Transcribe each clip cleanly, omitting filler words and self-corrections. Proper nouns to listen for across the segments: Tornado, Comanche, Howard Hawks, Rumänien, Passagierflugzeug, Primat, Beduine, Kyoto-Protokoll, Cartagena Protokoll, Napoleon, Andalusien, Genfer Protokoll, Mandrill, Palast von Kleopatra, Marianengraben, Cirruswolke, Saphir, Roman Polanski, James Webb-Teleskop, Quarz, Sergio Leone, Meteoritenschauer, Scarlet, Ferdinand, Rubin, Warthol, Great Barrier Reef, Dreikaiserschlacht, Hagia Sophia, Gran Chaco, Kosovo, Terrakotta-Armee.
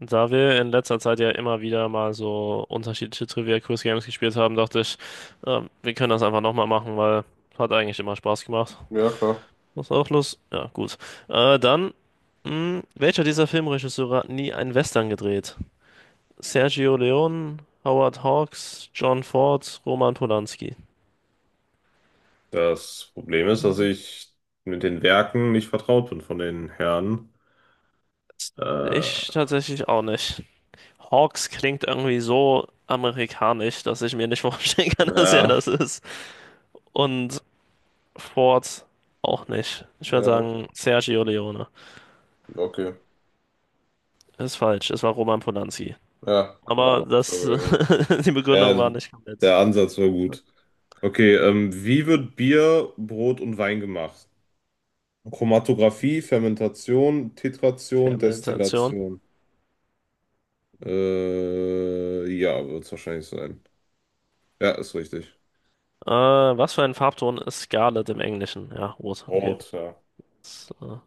Da wir in letzter Zeit ja immer wieder mal so unterschiedliche Trivia-Quiz-Games gespielt haben, dachte ich, wir können das einfach nochmal machen, weil hat eigentlich immer Spaß gemacht. Ja, klar. Hast du auch Lust? Ja, gut. Dann, welcher dieser Filmregisseure hat nie einen Western gedreht? Sergio Leone, Howard Hawks, John Ford, Roman Polanski. Das Problem ist, dass ich mit den Werken nicht vertraut bin von den Herren. Äh, Ich tatsächlich auch nicht. Hawks klingt irgendwie so amerikanisch, dass ich mir nicht vorstellen kann, dass er ja, das ist. Und Ford auch nicht. Ich würde Ja, sagen Sergio Leone. okay. Ist falsch, es war Roman Polanski. Ja, wäre auch Aber noch so das, gewesen. die Begründung Ja, war nicht komplett. der Ansatz war gut. Okay, wie wird Bier, Brot und Wein gemacht? Chromatographie, Fermentation, Titration, Fermentation. Destillation. Ja, wird es wahrscheinlich sein. Ja, ist richtig. Was für ein Farbton ist Scarlet im Englischen? Ja, rot, okay. Brot, ja. So.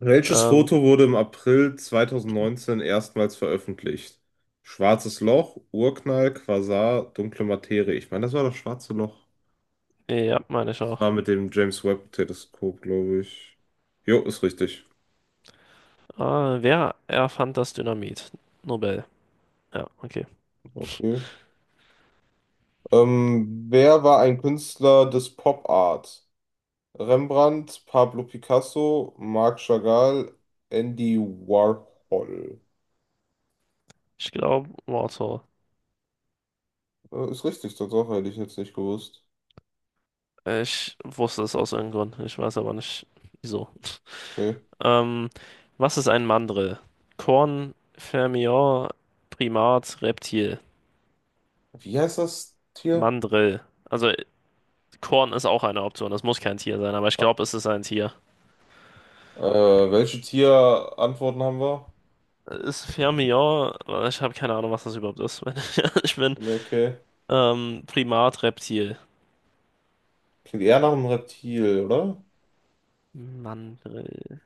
Welches Ähm, Foto wurde im April 2019 erstmals veröffentlicht? Schwarzes Loch, Urknall, Quasar, dunkle Materie. Ich meine, das war das schwarze Loch. ja, meine ich Das auch. war mit dem James Webb-Teleskop, glaube ich. Jo, ist richtig. Wer erfand das Dynamit? Nobel. Ja, okay. Okay. Wer war ein Künstler des Pop Art? Rembrandt, Pablo Picasso, Marc Chagall, Andy Warhol. Ich glaube, Warthol. Ist richtig, Tatsache, hätte ich jetzt nicht gewusst. Ich wusste es aus irgendeinem Grund. Ich weiß aber nicht, wieso. Okay. Ähm, Was ist ein Mandrill? Korn, Fermion, Primat, Reptil. Wie heißt das Tier? Mandrill. Also Korn ist auch eine Option. Das muss kein Tier sein, aber ich glaube, es ist ein Tier. Welche Tierantworten haben wir? Ist Fermion, ich habe keine Ahnung, was das überhaupt ist, wenn ich ehrlich bin. Nee, okay. Primat, Reptil. Klingt eher nach einem Reptil, oder? Mandrill.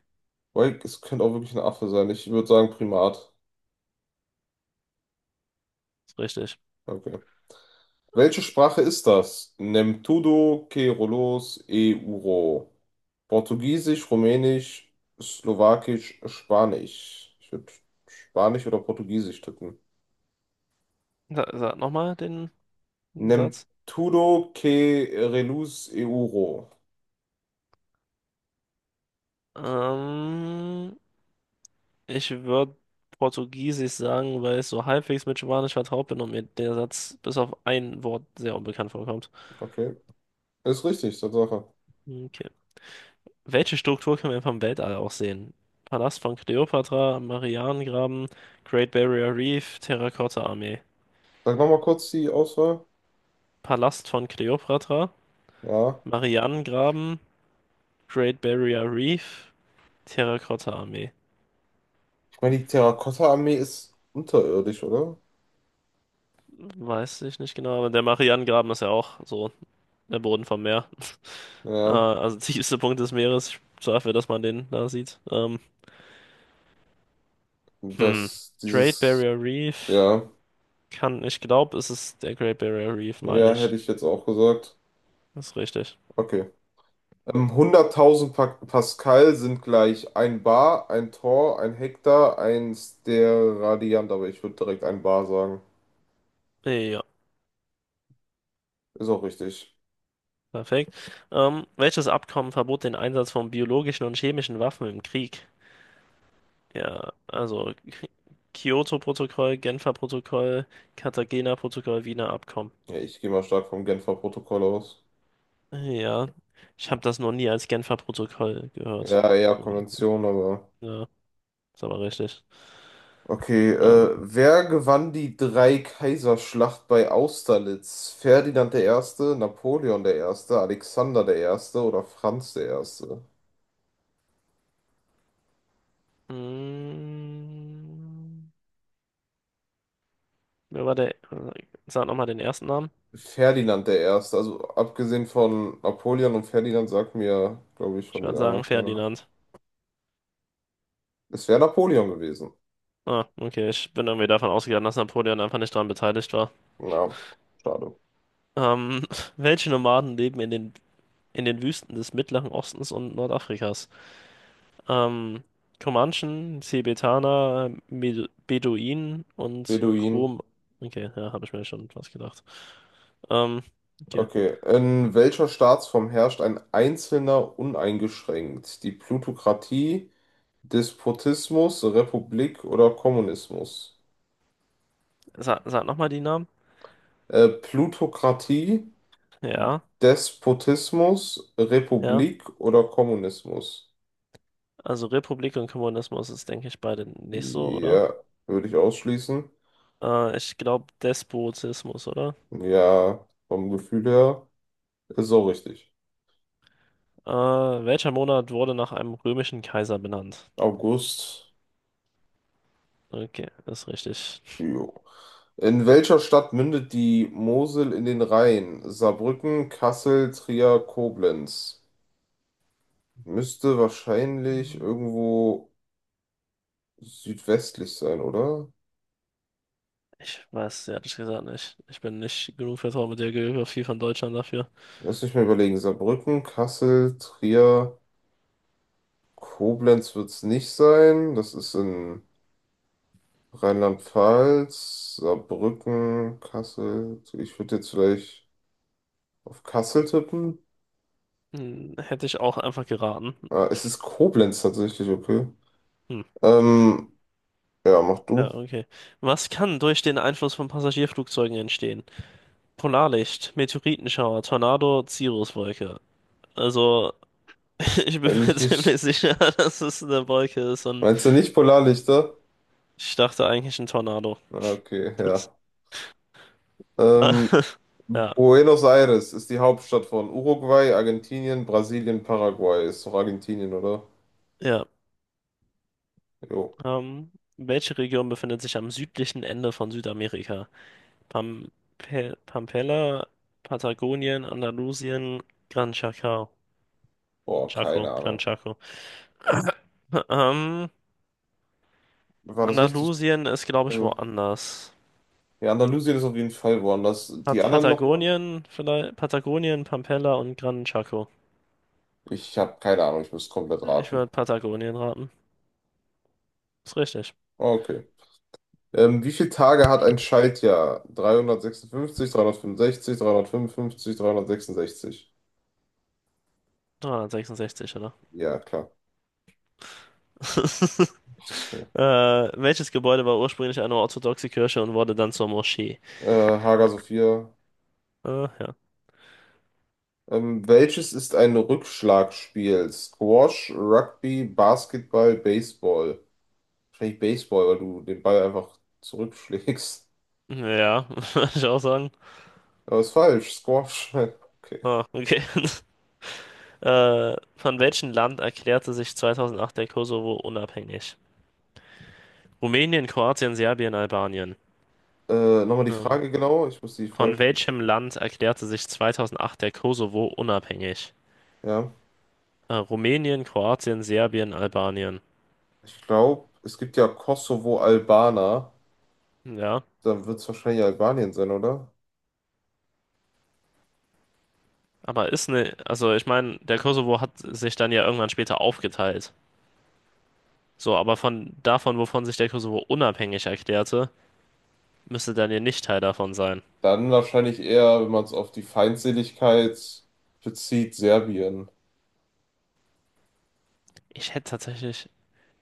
Weil es könnte auch wirklich ein Affe sein. Ich würde sagen Primat. Ist richtig. Okay. Welche Sprache ist das? Nem tudo que rolos e uro. Portugiesisch, Rumänisch, Slowakisch, Spanisch. Ich würde Spanisch oder Portugiesisch tippen. Sag nochmal den Nem Satz. tudo que reluz e uro. Ähm, Ich würde Portugiesisch sagen, weil ich so halbwegs mit Spanisch vertraut bin und mir der Satz bis auf ein Wort sehr unbekannt vorkommt. Okay. Ist richtig, Tatsache. Okay. Welche Struktur können wir vom Weltall aus sehen? Palast von Kleopatra, Marianengraben, Great Barrier Reef, Terrakotta-Armee. Sag nochmal kurz die Auswahl. Palast von Kleopatra, Ja. Marianengraben, Great Barrier Reef, Terrakotta-Armee. Ich meine, die Terrakotta-Armee ist unterirdisch, oder? Weiß ich nicht genau, aber der Marianengraben ist ja auch so der Boden vom Meer. Ja, Also tiefste Punkt des Meeres, dafür, dass man den da sieht. Hm. das, Great dieses, Barrier Reef ja, kann, ich glaube, es ist der Great Barrier Reef, meine ja, hätte ich. ich jetzt auch gesagt. Das ist richtig. Okay. 100.000 pa Pascal sind gleich ein Bar, ein Tor, ein Hektar, ein Steradiant, aber ich würde direkt ein Bar sagen. Ja, Ist auch richtig. perfekt. Welches Abkommen verbot den Einsatz von biologischen und chemischen Waffen im Krieg? Ja, also Kyoto-Protokoll, Genfer Protokoll, Cartagena Protokoll, Wiener Abkommen. Ja, ich gehe mal stark vom Genfer Protokoll aus. Ja, ich habe das noch nie als Genfer Protokoll gehört. Ja, eher Irgendwie. Konvention, aber. Ja, ist aber richtig. Okay, Ähm, wer gewann die Dreikaiserschlacht bei Austerlitz? Ferdinand der Erste, Napoleon der Erste, Alexander der Erste oder Franz der Erste? Mm, wer war der? Sag nochmal den ersten Namen. Ferdinand der Erste, also abgesehen von Napoleon und Ferdinand sagt mir, glaube ich, Ich von den würde anderen sagen keiner. Ferdinand. Es wäre Napoleon gewesen. Ah, okay. Ich bin irgendwie davon ausgegangen, dass Napoleon einfach nicht daran beteiligt war. Ja, schade. Ähm, welche Nomaden leben in in den Wüsten des Mittleren Ostens und Nordafrikas? Ähm, Comanchen, Tibetaner, Med Beduinen und Beduin. Krom. Okay, ja, habe ich mir schon was gedacht. Ähm, okay. Okay. In welcher Staatsform herrscht ein Einzelner uneingeschränkt? Die Plutokratie, Despotismus, Republik oder Kommunismus? Sag nochmal die Namen. Plutokratie, Ja, Despotismus, ja. Republik oder Kommunismus? Also Republik und Kommunismus ist, denke ich, beide nicht so, oder? Ja, würde ich ausschließen. Ich glaube Despotismus, oder? Ja, vom Gefühl her ist auch richtig. Welcher Monat wurde nach einem römischen Kaiser benannt? August. Okay, ist richtig. Jo. In welcher Stadt mündet die Mosel in den Rhein? Saarbrücken, Kassel, Trier, Koblenz. Müsste wahrscheinlich Hm. irgendwo südwestlich sein, oder? Ich weiß, es ehrlich gesagt nicht. Ich bin nicht genug vertraut mit der Geografie von Deutschland dafür. Lass mich mal überlegen. Saarbrücken, Kassel, Trier. Koblenz wird es nicht sein. Das ist in Rheinland-Pfalz, Saarbrücken, Kassel. So, ich würde jetzt vielleicht auf Kassel tippen. Hm, hätte ich auch einfach geraten. Ah, es ist Koblenz tatsächlich, okay. Hm, Ähm, ja, mach ja, du. okay. Was kann durch den Einfluss von Passagierflugzeugen entstehen? Polarlicht, Meteoritenschauer, Tornado, Cirruswolke. Also, ich bin Wenn mir ich nicht. ziemlich sicher, dass es eine Wolke ist und Meinst du nicht Polarlichter? ich dachte eigentlich ein Tornado. Ah, okay, ja. Ähm, Ja, Buenos Aires ist die Hauptstadt von Uruguay, Argentinien, Brasilien, Paraguay. Ist doch Argentinien, oder? ja. Jo. Ähm, Welche Region befindet sich am südlichen Ende von Südamerika? Pam Pampella, Patagonien, Andalusien, Gran Chaco. Boah, keine Chaco, Gran Ahnung. Chaco. Ähm, War das richtig? Andalusien ist, glaube ich, Also. woanders. Ja, Andalusien ist auf jeden Fall woanders. Die anderen nochmal? Patagonien, vielleicht Patagonien, Pampella und Gran Chaco. Ich habe keine Ahnung, ich muss komplett Ich würde raten. Patagonien raten. Ist richtig. Okay. Wie viele Tage hat ein Schaltjahr? 356, 365, 355, 366. 366, oder? Ja, klar. Welches Gebäude war ursprünglich eine orthodoxe Kirche und wurde dann zur Moschee? Äh, Hager Sophia. Ja. Welches ist ein Rückschlagspiel? Squash, Rugby, Basketball, Baseball. Wahrscheinlich Baseball, weil du den Ball einfach zurückschlägst. Ja, würde ich auch sagen. Aber ist falsch. Squash. Okay. Ah, okay. Von welchem Land erklärte sich 2008 der Kosovo unabhängig? Rumänien, Kroatien, Serbien, Albanien. Nochmal die Ähm, Frage genau. Ich muss die von Frage. welchem Land erklärte sich 2008 der Kosovo unabhängig? Ja, Rumänien, Kroatien, Serbien, Albanien. ich glaube, es gibt ja Kosovo-Albaner. Ja, Dann wird es wahrscheinlich Albanien sein, oder? aber ist ne, also ich meine, der Kosovo hat sich dann ja irgendwann später aufgeteilt. So, aber von davon, wovon sich der Kosovo unabhängig erklärte, müsste dann Daniel nicht Teil davon sein. Dann wahrscheinlich eher, wenn man es auf die Feindseligkeit bezieht, Serbien. Ich hätte tatsächlich.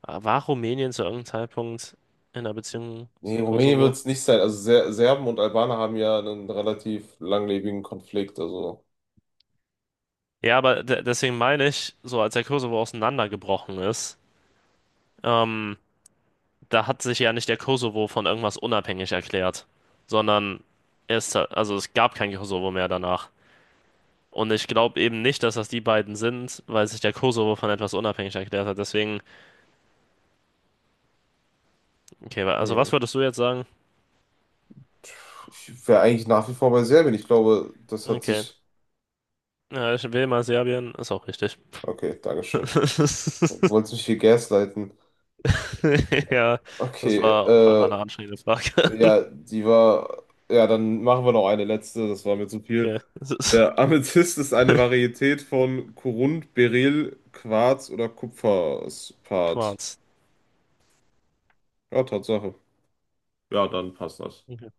Ah, war Rumänien zu irgendeinem Zeitpunkt in einer Beziehung Nee, zum Rumänien wird Kosovo? es nicht sein. Also Serben und Albaner haben ja einen relativ langlebigen Konflikt. Also Ja, aber de deswegen meine ich, so als der Kosovo auseinandergebrochen ist, ähm, da hat sich ja nicht der Kosovo von irgendwas unabhängig erklärt, sondern es, also es gab kein Kosovo mehr danach. Und ich glaube eben nicht, dass das die beiden sind, weil sich der Kosovo von etwas unabhängig erklärt hat. Deswegen, okay, also hm. was würdest du jetzt sagen? Ich wäre eigentlich nach wie vor bei Serbien. Ich glaube, das hat Okay. sich. Ja, ich will mal Serbien, ist auch richtig. Okay, Dankeschön. Wolltest mich hier gaslighten. Ja, das Okay, war auch einfach eine anstrengende Frage. ja, die war. Ja, dann machen wir noch eine letzte, das war mir zu viel. Okay, es ist Der Amethyst ist eine Varietät von Korund, Beryl, Quarz oder Kupferspat. Quarz. Ja, Tatsache. Ja, dann passt das. Okay.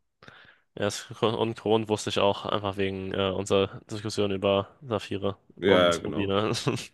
Ja, es, und Kron wusste ich auch, einfach wegen unserer Diskussion über Saphire Ja, ja, und genau. Rubine.